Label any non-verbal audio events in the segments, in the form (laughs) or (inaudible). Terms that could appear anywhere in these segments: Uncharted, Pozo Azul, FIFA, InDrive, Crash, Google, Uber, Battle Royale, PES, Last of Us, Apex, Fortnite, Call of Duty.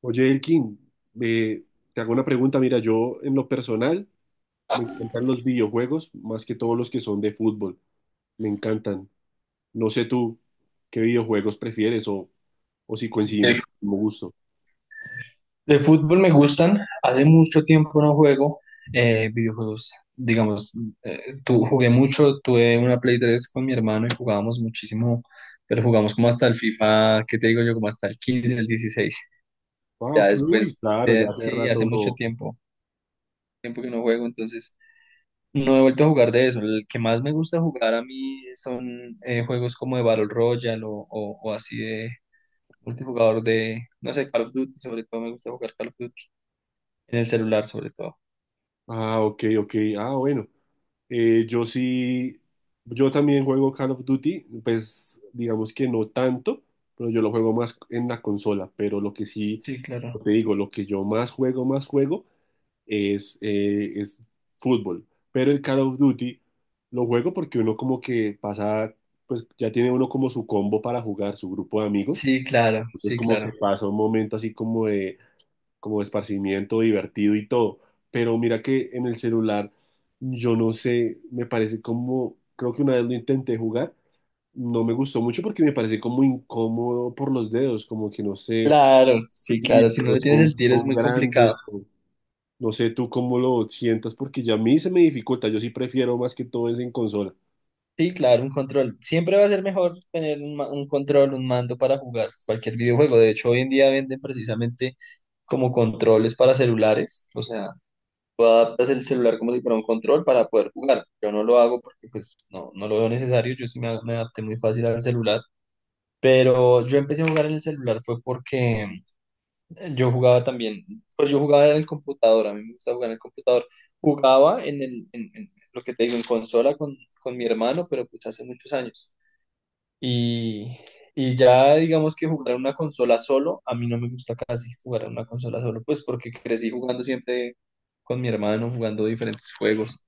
Oye, Elkin, eh, te hago una pregunta. Mira, yo en lo personal me encantan los videojuegos más que todos los que son de fútbol. Me encantan. No sé tú qué videojuegos prefieres o si coincidimos De, en el mismo gusto. de fútbol me gustan, hace mucho tiempo no juego videojuegos, digamos, jugué mucho, tuve una Play 3 con mi hermano y jugábamos muchísimo, pero jugamos como hasta el FIFA, ¿qué te digo yo? Como hasta el 15 el 16 Ah, ya ok, uy, después, claro, ya hace sí, rato hace mucho no. tiempo, tiempo que no juego, entonces no he vuelto a jugar de eso, el que más me gusta jugar a mí son juegos como de Battle Royale o, o así de multijugador de, no sé, Call of Duty, sobre todo me gusta jugar Call of Duty. En el celular, sobre todo. Ah, ok, ok. Ah, bueno. Yo sí, yo también juego Call of Duty, pues digamos que no tanto, pero yo lo juego más en la consola. Pero lo que sí, Sí, claro. como te digo, lo que yo más juego, más juego, es fútbol. Pero el Call of Duty lo juego porque uno como que pasa, pues ya tiene uno como su combo para jugar, su grupo de amigos. Sí, claro, Entonces sí, como que claro. pasa un momento así como de, esparcimiento divertido y todo. Pero mira que en el celular, yo no sé, me parece como, creo que una vez lo intenté jugar, no me gustó mucho porque me parece como incómodo por los dedos, como que no sé, Claro, sí, si mis claro. Si no le dedos tienes el son, tiro es son muy grandes. complicado. No sé tú cómo lo sientas, porque ya a mí se me dificulta. Yo sí prefiero más que todo es en consola. Sí, claro, un control. Siempre va a ser mejor tener un control, un mando para jugar cualquier videojuego. De hecho, hoy en día venden precisamente como controles para celulares. O sea, tú adaptas el celular como si fuera un control para poder jugar. Yo no lo hago porque pues no, no lo veo necesario. Yo sí me adapté muy fácil al celular. Pero yo empecé a jugar en el celular fue porque yo jugaba también, pues yo jugaba en el computador, a mí me gusta jugar en el computador. Jugaba en lo que te digo, en consola con mi hermano, pero pues hace muchos años. Y, y ya digamos que jugar en una consola solo, a mí no me gusta casi jugar en una consola solo, pues porque crecí jugando siempre con mi hermano, jugando diferentes juegos,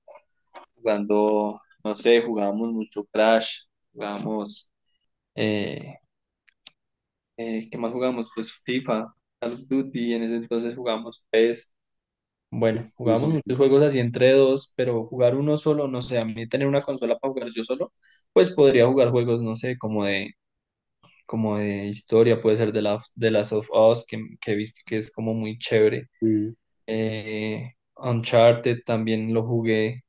jugando, no sé, jugábamos mucho Crash, jugábamos, eh, ¿qué más jugábamos? Pues FIFA, Call of Duty, en ese entonces jugábamos PES. Sí, Bueno, sí, jugábamos sí. muchos Sí, juegos así entre dos, pero jugar uno solo, no sé, a mí tener una consola para jugar yo solo, pues podría jugar juegos, no sé, como de historia, puede ser de Last of Us, que he visto que es como muy chévere. sí, Uncharted también lo jugué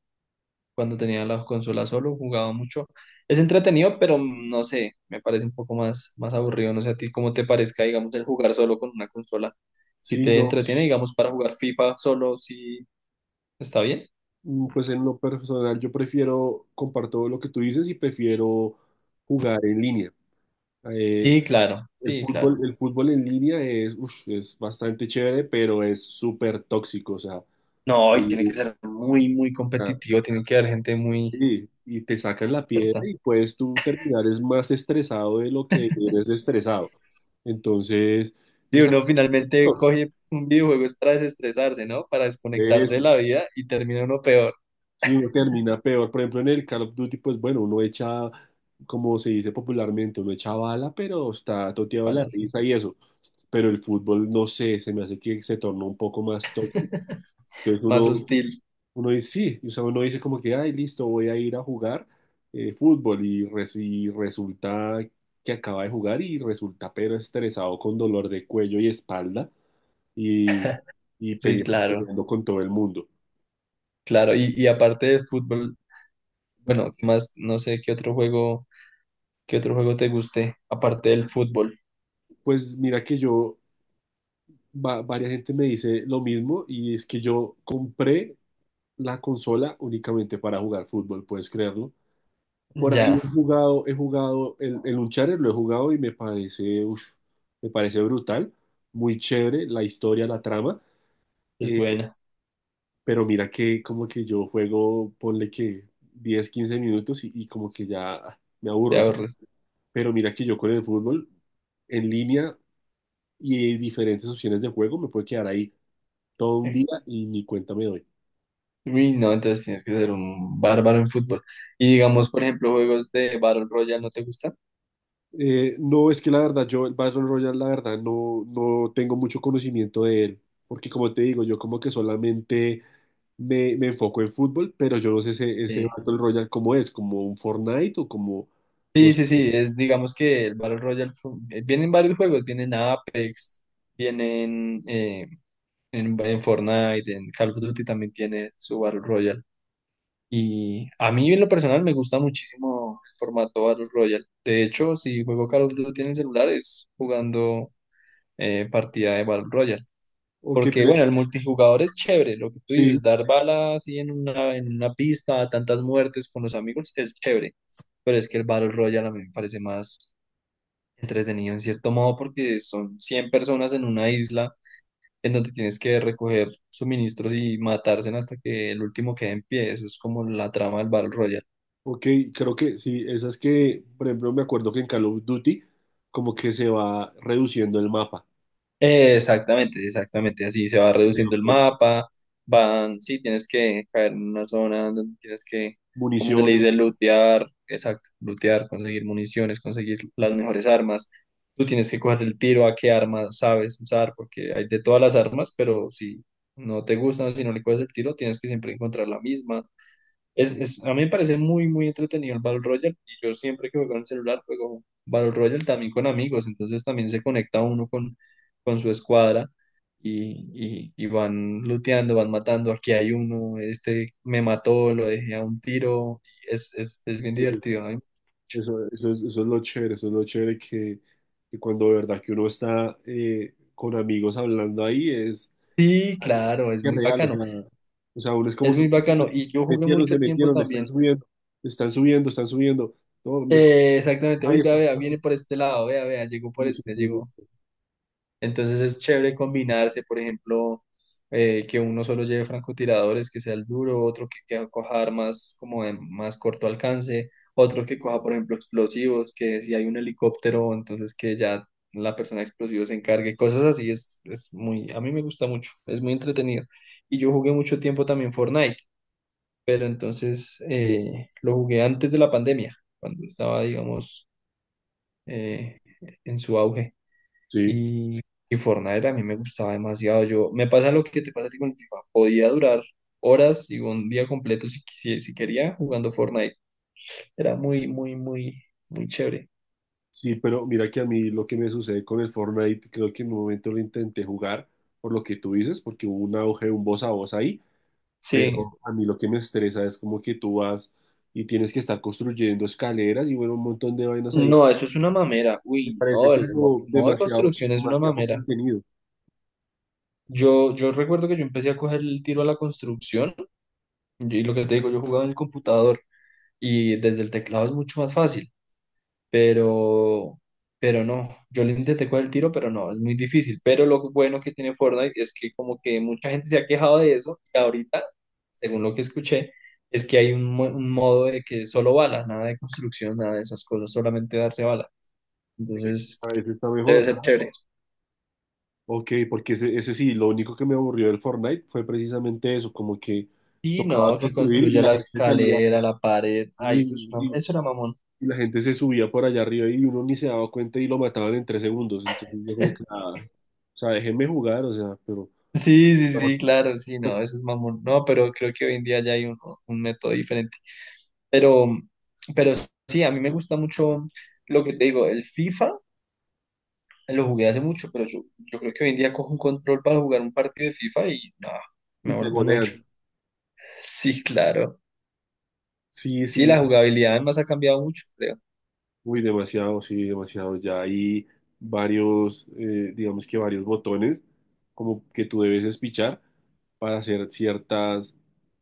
cuando tenía la consola solo, jugaba mucho. Es entretenido, pero no sé, me parece un poco más, más aburrido, no sé a ti cómo te parezca, digamos, el jugar solo con una consola. Si sí, te no, entretiene, digamos, para jugar FIFA solo, si está bien. Pues en lo personal yo prefiero, comparto lo que tú dices y prefiero jugar en línea. Eh, Sí, claro, el sí, claro. fútbol, el fútbol en línea es, uf, es bastante chévere, pero es súper tóxico, o sea, No, y tiene que mm, ser muy, muy ah, competitivo, tiene que haber gente muy sí, y te sacan la piedra experta. y puedes tú terminar es más estresado de lo que eres estresado. Entonces, Y es uno algo finalmente tóxico. coge un videojuego es para desestresarse, ¿no? Para desconectarse de Eso, la vida y termina uno peor, sí, uno termina peor. Por ejemplo, en el Call of Duty, pues bueno, uno echa, como se dice popularmente, uno echa bala, pero está toteado de la ojalá sí, risa y eso. Pero el fútbol, no sé, se me hace que se tornó un poco más tóxico. Entonces más uno, hostil. uno dice, sí, o sea, uno dice como que, ay, listo, voy a ir a jugar fútbol y resulta que acaba de jugar y resulta pero estresado con dolor de cuello y espalda y, y Sí, peleando, claro, peleando con todo el mundo. claro. Y aparte de fútbol, bueno, ¿qué más? No sé qué otro juego te guste, aparte del fútbol. Pues mira que yo varias gente me dice lo mismo y es que yo compré la consola únicamente para jugar fútbol, puedes creerlo. Por ahí Ya, he jugado el Uncharted, lo he jugado y me parece, uf, me parece brutal, muy chévere la historia, la trama, es eh, buena, pero mira que como que yo juego, ponle que 10 15 minutos y como que ya me te aburro, ¿sí? ahorres. Pero mira que yo con el fútbol en línea y diferentes opciones de juego me puedo quedar ahí todo un día y ni cuenta me doy. Uy, no, entonces tienes que ser un bárbaro en fútbol. Y digamos, por ejemplo, juegos de Battle Royale, ¿no te gusta? No, es que la verdad, yo el Battle Royale, la verdad, no, no tengo mucho conocimiento de él, porque como te digo, yo como que solamente me enfoco en fútbol, pero yo no sé ese Sí, Battle Royale cómo es, como un Fortnite o como, no sí, sé. sí, sí, es digamos que el Battle Royale vienen varios juegos, vienen Apex, vienen en Fortnite, en Call of Duty también tiene su Battle Royale. Y a mí en lo personal me gusta muchísimo el formato Battle Royale. De hecho, si juego Call of Duty en el celular es jugando partida de Battle Royale. Ok, Porque bueno, el multijugador es chévere, lo que tú sí, dices, dar balas así en una pista, tantas muertes con los amigos, es chévere, pero es que el Battle Royale a mí me parece más entretenido en cierto modo porque son 100 personas en una isla en donde tienes que recoger suministros y matarse hasta que el último quede en pie. Eso es como la trama del Battle Royale. ok, creo que sí, esas que, por ejemplo, me acuerdo que en Call of Duty como que se va reduciendo el mapa. Exactamente, exactamente. Así se va Sí. reduciendo el mapa. Van, sí, tienes que caer en una zona donde tienes que, como se le Municiones. dice, lootear. Exacto, lootear, conseguir municiones, conseguir las mejores armas. Tú tienes que coger el tiro a qué arma sabes usar, porque hay de todas las armas, pero si no te gustan, si no le coges el tiro, tienes que siempre encontrar la misma. A mí me parece muy, muy entretenido el Battle Royale y yo siempre que juego en el celular juego Battle Royale también con amigos, entonces también se conecta uno con su escuadra y van looteando, van matando, aquí hay uno, este me mató, lo dejé a un tiro, es bien divertido. ¿Eh? Eso es, eso es lo chévere, eso es lo chévere que cuando de verdad que uno está con amigos hablando ahí es, Sí, claro, que es real, o sea, o sea, uno es como es que muy bacano y yo jugué metieron, se mucho tiempo metieron, están también. subiendo, están subiendo, están subiendo, no, me escucha Exactamente, uy, vea, esto. vea, viene por este lado, vea, vea, llegó por Sí, sí, este, sí, llegó. sí. Entonces es chévere combinarse, por ejemplo, que uno solo lleve francotiradores, que sea el duro, otro que coja armas como de más corto alcance, otro que coja, por ejemplo, explosivos, que si hay un helicóptero, entonces que ya la persona de explosivos se encargue, cosas así, es muy, a mí me gusta mucho, es muy entretenido. Y yo jugué mucho tiempo también Fortnite, pero entonces lo jugué antes de la pandemia, cuando estaba, digamos, eh, en su auge. Sí, Y, y Fortnite a mí me gustaba demasiado. Yo, me pasa lo que te pasa a ti con el FIFA. Podía durar horas y un día completo si, si quería jugando Fortnite. Era muy, muy, muy, muy chévere. sí, pero mira que a mí lo que me sucede con el Fortnite, creo que en un momento lo intenté jugar por lo que tú dices, porque hubo un auge, un voz a voz ahí, Sí. pero a mí lo que me estresa es como que tú vas y tienes que estar construyendo escaleras y bueno, un montón de vainas ahí. No, eso es una mamera. Me Uy, parece no, el como modo de demasiado, construcción es una demasiado mamera. contenido. Yo recuerdo que yo empecé a coger el tiro a la construcción y lo que te digo, yo jugaba en el computador y desde el teclado es mucho más fácil. pero, pero no, yo le intenté con el tiro, pero no, es muy difícil. Pero lo bueno que tiene Fortnite es que como que mucha gente se ha quejado de eso y ahorita, según lo que escuché, es que hay un modo de que solo bala, nada de construcción, nada de esas cosas, solamente darse bala. Sí, Entonces, a veces está debe mejor, ser ¿sabes? chévere. Ok, porque ese sí, lo único que me aburrió del Fortnite fue precisamente eso, como que Sí, tocaba no, que construir y construya la la gente salía escalera, la pared. Ay, y, y- eso era mamón. y la gente se subía por allá arriba y uno ni se daba cuenta y lo mataban en 3 segundos. Entonces yo como que, (laughs) ah, o sea, déjenme jugar, o sea, pero Sí, sí, sí, claro, sí, no, pues, eso es mamón. No, pero creo que hoy en día ya hay un método diferente. Pero, pero sí, a mí me gusta mucho lo que te digo, el FIFA, lo jugué hace mucho, pero yo creo que hoy en día cojo un control para jugar un partido de FIFA y nada, y me te vuelvo un ocho. golean. (laughs) Sí, claro. Sí, Sí, sí, la jugabilidad además ha cambiado mucho, creo. uy, demasiado, sí, demasiado. Ya hay varios, digamos que varios botones como que tú debes espichar para hacer ciertas,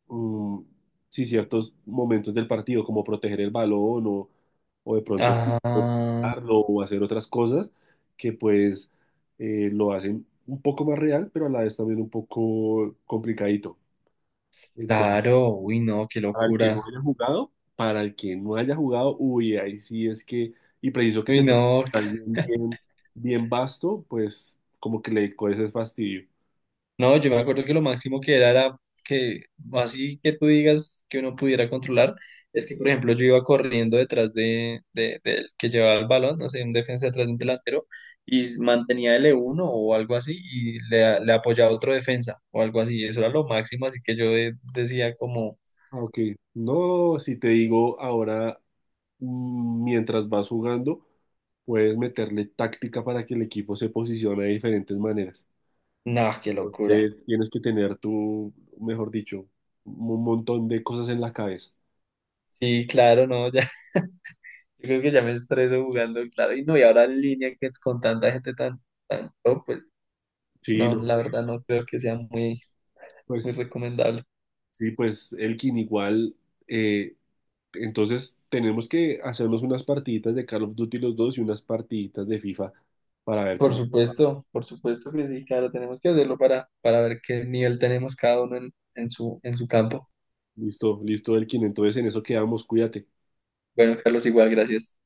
mm, sí, ciertos momentos del partido, como proteger el balón o de pronto Ah, darlo o hacer otras cosas que pues lo hacen un poco más real, pero a la vez también un poco complicadito. claro, uy, no, qué Para el que no locura. haya jugado, para el que no haya jugado, uy, ahí sí es que, y preciso que Uy, te toque no, jugar bien, bien, bien vasto, pues como que le coges es fastidio. no, yo me acuerdo que lo máximo que era, era que, así que tú digas que uno pudiera controlar, es que, por ejemplo, yo iba corriendo detrás del que llevaba el balón, no sé, un defensa detrás de un delantero, y mantenía l uno o algo así, y le apoyaba otro defensa o algo así. Eso era lo máximo, así que yo decía como, Ah, ok. No, si te digo ahora, mientras vas jugando, puedes meterle táctica para que el equipo se posicione de diferentes maneras. no, qué locura. Entonces tienes que tener tú, mejor dicho, un montón de cosas en la cabeza. Sí, claro, no, ya, (laughs) yo creo que ya me estreso jugando, claro, y no, y ahora en línea que con tanta gente tan, tan, top, pues, Sí, no, no, la verdad no creo que sea muy, muy pues recomendable. sí, pues Elkin igual. eh, Entonces tenemos que hacernos unas partiditas de Call of Duty los dos y unas partiditas de FIFA para ver cómo. Por supuesto que sí, claro, tenemos que hacerlo para ver qué nivel tenemos cada uno en su campo. Listo, listo, Elkin. Entonces en eso quedamos, cuídate. Bueno, Carlos, igual, gracias.